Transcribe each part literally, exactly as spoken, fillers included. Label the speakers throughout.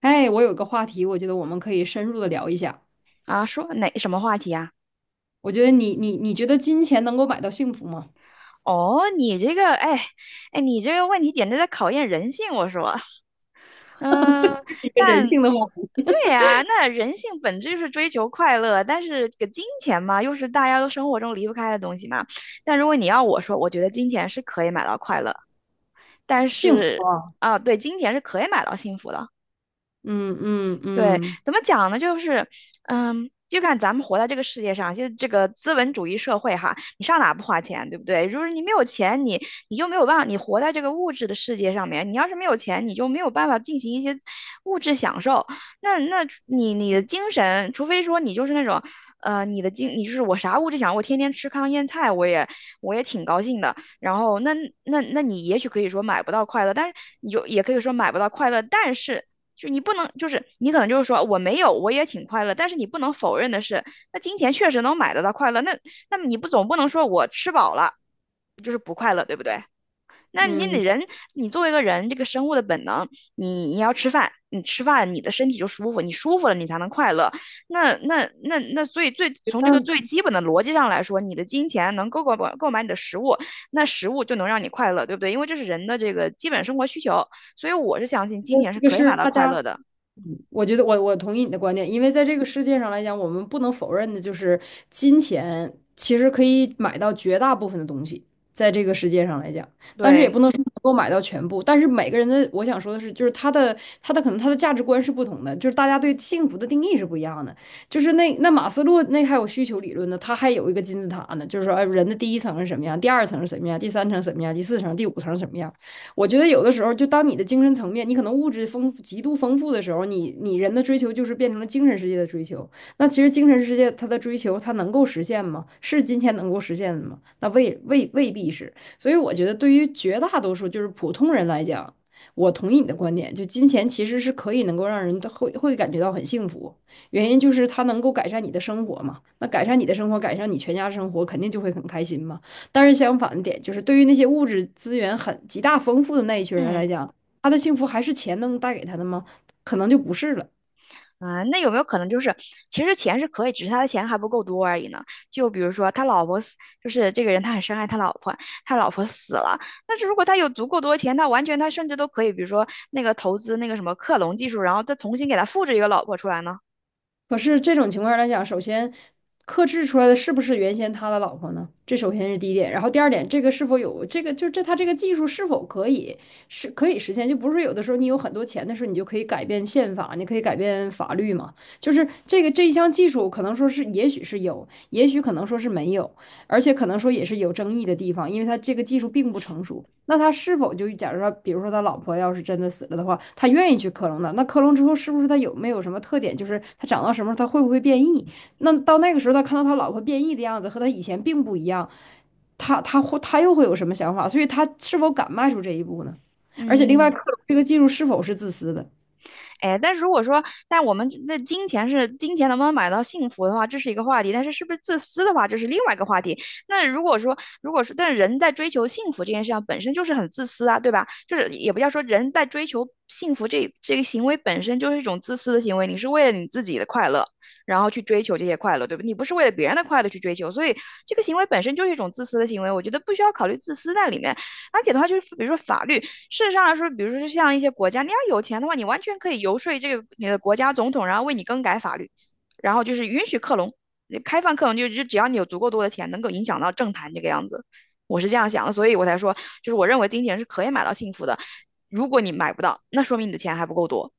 Speaker 1: 哎，我有个话题，我觉得我们可以深入的聊一下。
Speaker 2: 啊，说哪什么话题啊？
Speaker 1: 我觉得你你你觉得金钱能够买到幸福吗？
Speaker 2: 哦，你这个，哎，哎，你这个问题简直在考验人性，我说，嗯，
Speaker 1: 一个人
Speaker 2: 但
Speaker 1: 性的话题
Speaker 2: 对呀，那人性本质就是追求快乐，但是这个金钱嘛，又是大家都生活中离不开的东西嘛。但如果你要我说，我觉得金钱是可以买到快乐，但是
Speaker 1: 啊，
Speaker 2: 啊，对，金钱是可以买到幸福的。
Speaker 1: 嗯嗯
Speaker 2: 对，
Speaker 1: 嗯
Speaker 2: 怎么讲呢？就是，嗯，就看咱们活在这个世界上，现在这个资本主义社会哈，你上哪不花钱，对不对？如果你没有钱，你你就没有办法，你活在这个物质的世界上面，你要是没有钱，你就没有办法进行一些物质享受。那那你你的精神，除非说你就是那种，呃，你的精，你就是我啥物质享受，我天天吃糠咽菜，我也我也挺高兴的。然后那那那你也许可以说买不到快乐，但是你就也可以说买不到快乐，但是就你不能，就是你可能就是说我没有，我也挺快乐，但是你不能否认的是，那金钱确实能买得到快乐，那那么你不总不能说我吃饱了就是不快乐，对不对？那你你
Speaker 1: 嗯，
Speaker 2: 人，你作为一个人，这个生物的本能，你你要吃饭，你吃饭，你的身体就舒服，你舒服了，你才能快乐。那那那那，所以最
Speaker 1: 觉
Speaker 2: 从这个
Speaker 1: 得
Speaker 2: 最基本的逻辑上来说，你的金钱能够够买购买你的食物，那食物就能让你快乐，对不对？因为这是人的这个基本生活需求，所以我是相信
Speaker 1: 觉
Speaker 2: 金
Speaker 1: 得
Speaker 2: 钱是
Speaker 1: 这个
Speaker 2: 可以
Speaker 1: 是
Speaker 2: 买到
Speaker 1: 大
Speaker 2: 快乐
Speaker 1: 家
Speaker 2: 的。
Speaker 1: 我觉得我我同意你的观点，因为在这个世界上来讲，我们不能否认的就是金钱其实可以买到绝大部分的东西，在这个世界上来讲，但是也
Speaker 2: 对，
Speaker 1: 不能说能够买到全部。但是每个人的，我想说的是，就是他的他的可能他的价值观是不同的，就是大家对幸福的定义是不一样的。就是那那马斯洛那还有需求理论呢，他还有一个金字塔呢，就是说，哎，人的第一层是什么样，第二层是什么样，第三层什么样，第四层、第五层什么样。我觉得有的时候，就当你的精神层面，你可能物质丰富、极度丰富的时候，你你人的追求就是变成了精神世界的追求。那其实精神世界它的追求，它能够实现吗？是金钱能够实现的吗？那未未未必是。所以我觉得，对于绝大多数就是普通人来讲，我同意你的观点，就金钱其实是可以能够让人会会感觉到很幸福，原因就是它能够改善你的生活嘛。那改善你的生活，改善你全家生活，肯定就会很开心嘛。但是相反的点就是，对于那些物质资源很极大丰富的那一群人
Speaker 2: 嗯
Speaker 1: 来讲，他的幸福还是钱能带给他的吗？可能就不是了。
Speaker 2: 啊，那有没有可能就是，其实钱是可以，只是他的钱还不够多而已呢？就比如说他老婆死，就是这个人他很深爱他老婆，他老婆死了，但是如果他有足够多钱，他完全他甚至都可以，比如说那个投资那个什么克隆技术，然后再重新给他复制一个老婆出来呢？
Speaker 1: 可是这种情况来讲，首先克制出来的是不是原先他的老婆呢？这首先是第一点。然后第二点，这个是否有这个，就这他这个技术是否可以是可以实现？就不是有的时候你有很多钱的时候，你就可以改变宪法，你可以改变法律嘛。就是这个这一项技术，可能说是也许是有，也许可能说是没有。而且可能说也是有争议的地方，因为他这个技术并不成熟。那他是否就假如说，比如说他老婆要是真的死了的话，他愿意去克隆的？那克隆之后是不是他有没有什么特点？就是他长到什么时候他会不会变异？那到那个时候他看到他老婆变异的样子和他以前并不一样，他他会他又会有什么想法？所以他是否敢迈出这一步呢？而且另外，
Speaker 2: 嗯，
Speaker 1: 克隆这个技术是否是自私的？
Speaker 2: 哎，但如果说，但我们那金钱是金钱能不能买到幸福的话，这是一个话题；但是是不是自私的话，这是另外一个话题。那如果说，如果说，但人在追求幸福这件事上本身就是很自私啊，对吧？就是也不要说人在追求幸福这这个行为本身就是一种自私的行为，你是为了你自己的快乐，然后去追求这些快乐，对吧？你不是为了别人的快乐去追求，所以这个行为本身就是一种自私的行为，我觉得不需要考虑自私在里面。而且的话，就是比如说法律。事实上来说，比如说像一些国家，你要有钱的话，你完全可以游说这个你的国家总统，然后为你更改法律，然后就是允许克隆，开放克隆，就就只要你有足够多的钱，能够影响到政坛这个样子。我是这样想的，所以我才说，就是我认为金钱是可以买到幸福的。如果你买不到，那说明你的钱还不够多。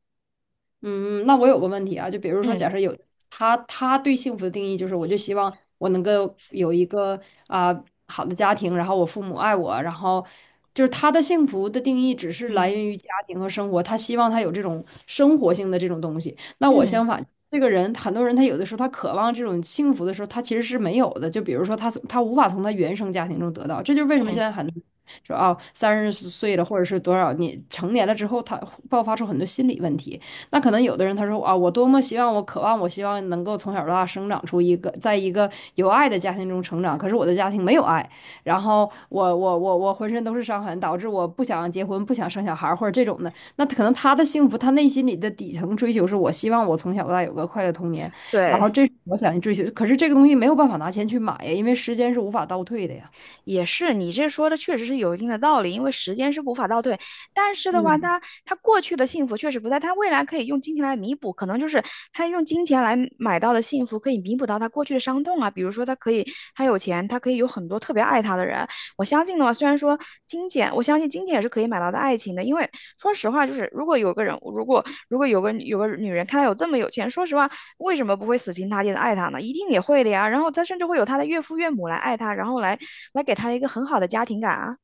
Speaker 1: 嗯，那我有个问题啊，就比如说，
Speaker 2: 嗯
Speaker 1: 假设有他，他对幸福的定义就是，我就希望我能够有一个啊、好的家庭，然后我父母爱我，然后就是他的幸福的定义只是来
Speaker 2: 嗯
Speaker 1: 源于家庭和生活，他希望他有这种生活性的这种东西。那我
Speaker 2: 嗯
Speaker 1: 相反，这个人很多人他有的时候他渴望这种幸福的时候，他其实是没有的。就比如说他从他无法从他原生家庭中得到，这就是为什么
Speaker 2: 嗯，
Speaker 1: 现在很多人说啊三十岁了或者是多少年成年了之后，他爆发出很多心理问题。那可能有的人他说啊，我多么希望，我渴望，我希望能够从小到大生长出一个，在一个有爱的家庭中成长。可是我的家庭没有爱，然后我我我我浑身都是伤痕，导致我不想结婚，不想生小孩或者这种的。那可能他的幸福，他内心里的底层追求是我希望我从小到大有个快乐童年，然后
Speaker 2: 对。
Speaker 1: 这是我想追求。可是这个东西没有办法拿钱去买呀，因为时间是无法倒退的呀。
Speaker 2: 也是，你这说的确实是有一定的道理，因为时间是无法倒退。但是的话，
Speaker 1: 嗯，
Speaker 2: 他他过去的幸福确实不在，他未来可以用金钱来弥补，可能就是他用金钱来买到的幸福，可以弥补到他过去的伤痛啊。比如说，他可以他有钱，他可以有很多特别爱他的人。我相信的话，虽然说金钱，我相信金钱也是可以买到的爱情的，因为说实话，就是如果有个人，如果如果有个有个女人看他有这么有钱，说实话，为什么不会死心塌地的爱他呢？一定也会的呀。然后他甚至会有他的岳父岳母来爱他，然后来来给他一个很好的家庭感啊。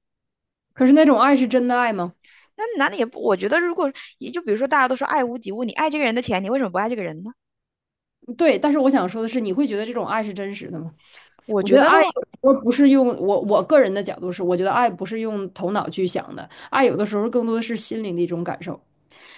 Speaker 1: 可是那种爱是真的爱吗？
Speaker 2: 那男的也不，我觉得如果也就比如说大家都说爱屋及乌，你爱这个人的钱，你为什么不爱这个人呢？
Speaker 1: 对，但是我想说的是，你会觉得这种爱是真实的吗？
Speaker 2: 我
Speaker 1: 我觉
Speaker 2: 觉
Speaker 1: 得
Speaker 2: 得的
Speaker 1: 爱
Speaker 2: 话，
Speaker 1: 有时候不是用我我个人的角度是，我觉得爱不是用头脑去想的，爱有的时候更多的是心灵的一种感受，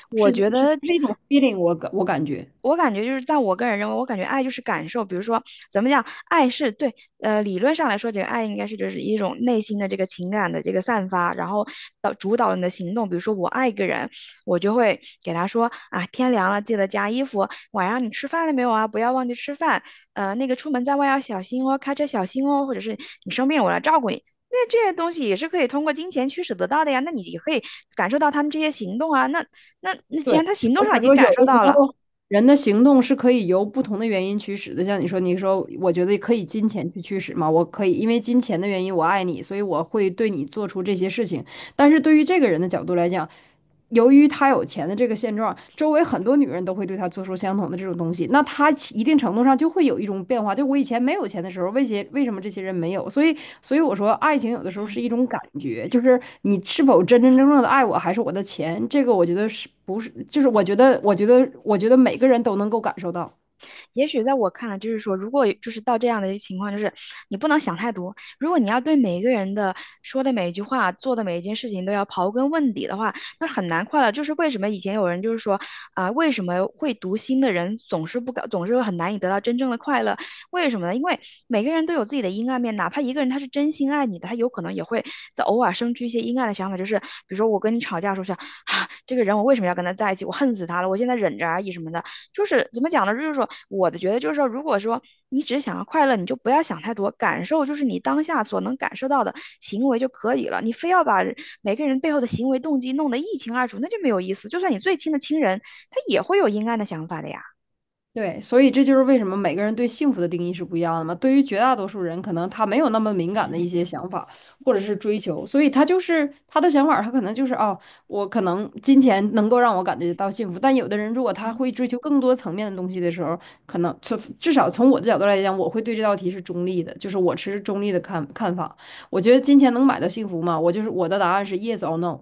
Speaker 2: 我
Speaker 1: 是是
Speaker 2: 觉得
Speaker 1: 是一种 feeling，我感我感觉。
Speaker 2: 我感觉就是，但我个人认为，我感觉爱就是感受。比如说，怎么讲，爱是对，呃，理论上来说，这个爱应该是就是一种内心的这个情感的这个散发，然后导主导你的行动。比如说，我爱一个人，我就会给他说啊，天凉了记得加衣服，晚上你吃饭了没有啊？不要忘记吃饭。呃，那个出门在外要小心哦，开车小心哦，或者是你生病我来照顾你。那这些东西也是可以通过金钱驱使得到的呀。那你也可以感受到他们这些行动啊。那那那既
Speaker 1: 对，
Speaker 2: 然他行动
Speaker 1: 我
Speaker 2: 上已
Speaker 1: 想
Speaker 2: 经
Speaker 1: 说，
Speaker 2: 感
Speaker 1: 有
Speaker 2: 受
Speaker 1: 的时
Speaker 2: 到了。
Speaker 1: 候人的行动是可以由不同的原因驱使的，像你说，你说我觉得可以金钱去驱使嘛，我可以因为金钱的原因我爱你，所以我会对你做出这些事情。但是对于这个人的角度来讲，由于他有钱的这个现状，周围很多女人都会对他做出相同的这种东西，那他一定程度上就会有一种变化。就我以前没有钱的时候，为些为什么这些人没有？所以，所以我说，爱情有的时候是一种感觉，就是你是否真真正正的爱我，还是我的钱？这个我觉得是不是？就是我觉得，我觉得，我觉得每个人都能够感受到。
Speaker 2: 也许在我看来，就是说，如果就是到这样的一个情况，就是你不能想太多。如果你要对每一个人的说的每一句话、做的每一件事情都要刨根问底的话，那很难快乐。就是为什么以前有人就是说啊，为什么会读心的人总是不搞，总是很难以得到真正的快乐？为什么呢？因为每个人都有自己的阴暗面，哪怕一个人他是真心爱你的，他有可能也会在偶尔生出一些阴暗的想法，就是比如说我跟你吵架的时候想啊，这个人我为什么要跟他在一起？我恨死他了，我现在忍着而已什么的。就是怎么讲呢？就是说，我的觉得就是说，如果说你只是想要快乐，你就不要想太多，感受就是你当下所能感受到的行为就可以了。你非要把每个人背后的行为动机弄得一清二楚，那就没有意思。就算你最亲的亲人，他也会有阴暗的想法的呀。
Speaker 1: 对，所以这就是为什么每个人对幸福的定义是不一样的嘛。对于绝大多数人，可能他没有那么敏感的一些想法或者是追求，所以他就是他的想法儿他可能就是哦，我可能金钱能够让我感觉到幸福。但有的人如果他
Speaker 2: 嗯。
Speaker 1: 会追求更多层面的东西的时候，可能从至少从我的角度来讲，我会对这道题是中立的，就是我持中立的看看法。我觉得金钱能买到幸福吗？我就是我的答案是 yes or no。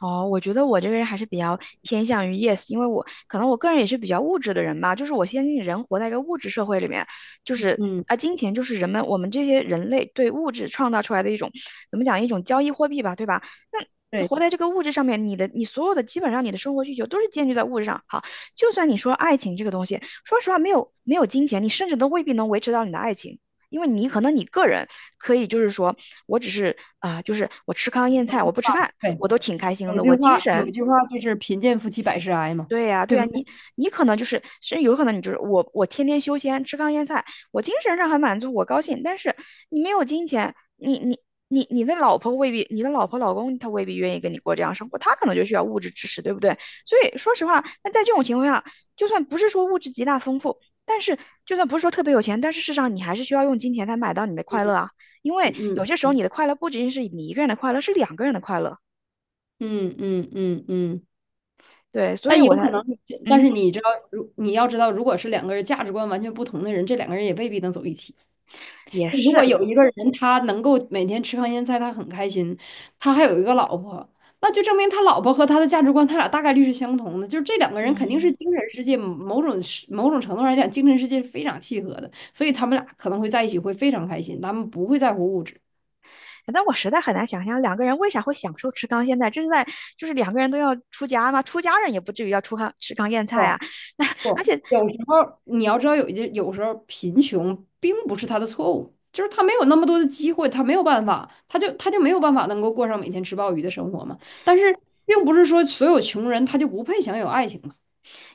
Speaker 2: 哦，我觉得我这个人还是比较偏向于 yes，因为我可能我个人也是比较物质的人吧，就是我相信人活在一个物质社会里面，就是
Speaker 1: 嗯，
Speaker 2: 啊，金钱就是人们我们这些人类对物质创造出来的一种怎么讲一种交易货币吧，对吧？那
Speaker 1: 对
Speaker 2: 活在这个物质上面，你的你所有的基本上你的生活需求都是建立在物质上。好，就算你说爱情这个东西，说实话，没有没有金钱，你甚至都未必能维持到你的爱情，因为你可能你个人。可以就是说我只是啊、呃就是我吃糠咽菜，我不吃饭，
Speaker 1: 对，
Speaker 2: 我都挺开心
Speaker 1: 有一
Speaker 2: 的，
Speaker 1: 句
Speaker 2: 我精
Speaker 1: 话，有一
Speaker 2: 神
Speaker 1: 句话就是贫贱夫妻百事哀嘛，
Speaker 2: 对呀，
Speaker 1: 对
Speaker 2: 对
Speaker 1: 不
Speaker 2: 呀，
Speaker 1: 对？
Speaker 2: 你你可能就是，甚至有可能你就是我，我天天修仙吃糠咽菜，我精神上很满足，我高兴，但是你没有金钱，你你你你的老婆未必，你的老婆老公他未必愿意跟你过这样生活，他可能就需要物质支持，对不对？所以说实话，那在这种情况下，就算不是说物质极大丰富，但是就算不是说特别有钱，但是事实上你还是需要用金钱才买到你的快乐啊，因为
Speaker 1: 嗯
Speaker 2: 有
Speaker 1: 嗯。
Speaker 2: 些时候你的快乐不仅仅是你一个人的快乐，是两个人的快乐，
Speaker 1: 嗯嗯嗯嗯，
Speaker 2: 对，所
Speaker 1: 那
Speaker 2: 以我
Speaker 1: 有可
Speaker 2: 才，
Speaker 1: 能你这但
Speaker 2: 嗯，
Speaker 1: 是你知道，如你要知道，如果是两个人价值观完全不同的人，这两个人也未必能走一起。
Speaker 2: 也
Speaker 1: 如
Speaker 2: 是，
Speaker 1: 果有一个人他能够每天吃糠咽菜，他很开心，他还有一个老婆，那就证明他老婆和他的价值观，他俩大概率是相同的。就是这两个人肯定是
Speaker 2: 嗯。
Speaker 1: 精神世界某种是某种程度上来讲，精神世界是非常契合的，所以他们俩可能会在一起会非常开心，他们不会在乎物质。
Speaker 2: 但我实在很难想象两个人为啥会享受吃糠咽菜，这是在就是两个人都要出家嘛，出家人也不至于要出糠吃糠咽菜啊。那而
Speaker 1: 不，
Speaker 2: 且
Speaker 1: 有时候你要知道有一些，有时候贫穷并不是他的错误，就是他没有那么多的机会，他没有办法，他就他就没有办法能够过上每天吃鲍鱼的生活嘛。但是并不是说所有穷人他就不配享有爱情嘛，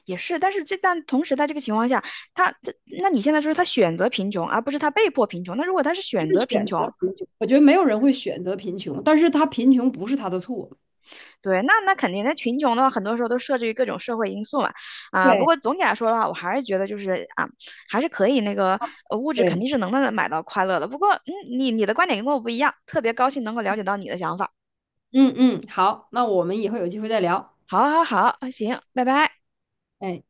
Speaker 2: 也是，但是这但同时在这个情况下，他这，那你现在说他选择贫穷，而不是他被迫贫穷。那如果他是
Speaker 1: 是
Speaker 2: 选择贫
Speaker 1: 选择
Speaker 2: 穷，
Speaker 1: 贫穷。我觉得没有人会选择贫穷，但是他贫穷不是他的错。
Speaker 2: 对，那那肯定那贫穷的话，很多时候都设置于各种社会因素嘛。啊，不
Speaker 1: 对
Speaker 2: 过总体来说的话，我还是觉得就是啊，还是可以那个呃物质肯定
Speaker 1: 对，
Speaker 2: 是能能买到快乐的。不过嗯，你你的观点跟我不一样，特别高兴能够了解到你的想法。
Speaker 1: 嗯嗯，好，那我们以后有机会再聊。
Speaker 2: 好，好，好，行，拜拜。
Speaker 1: 哎。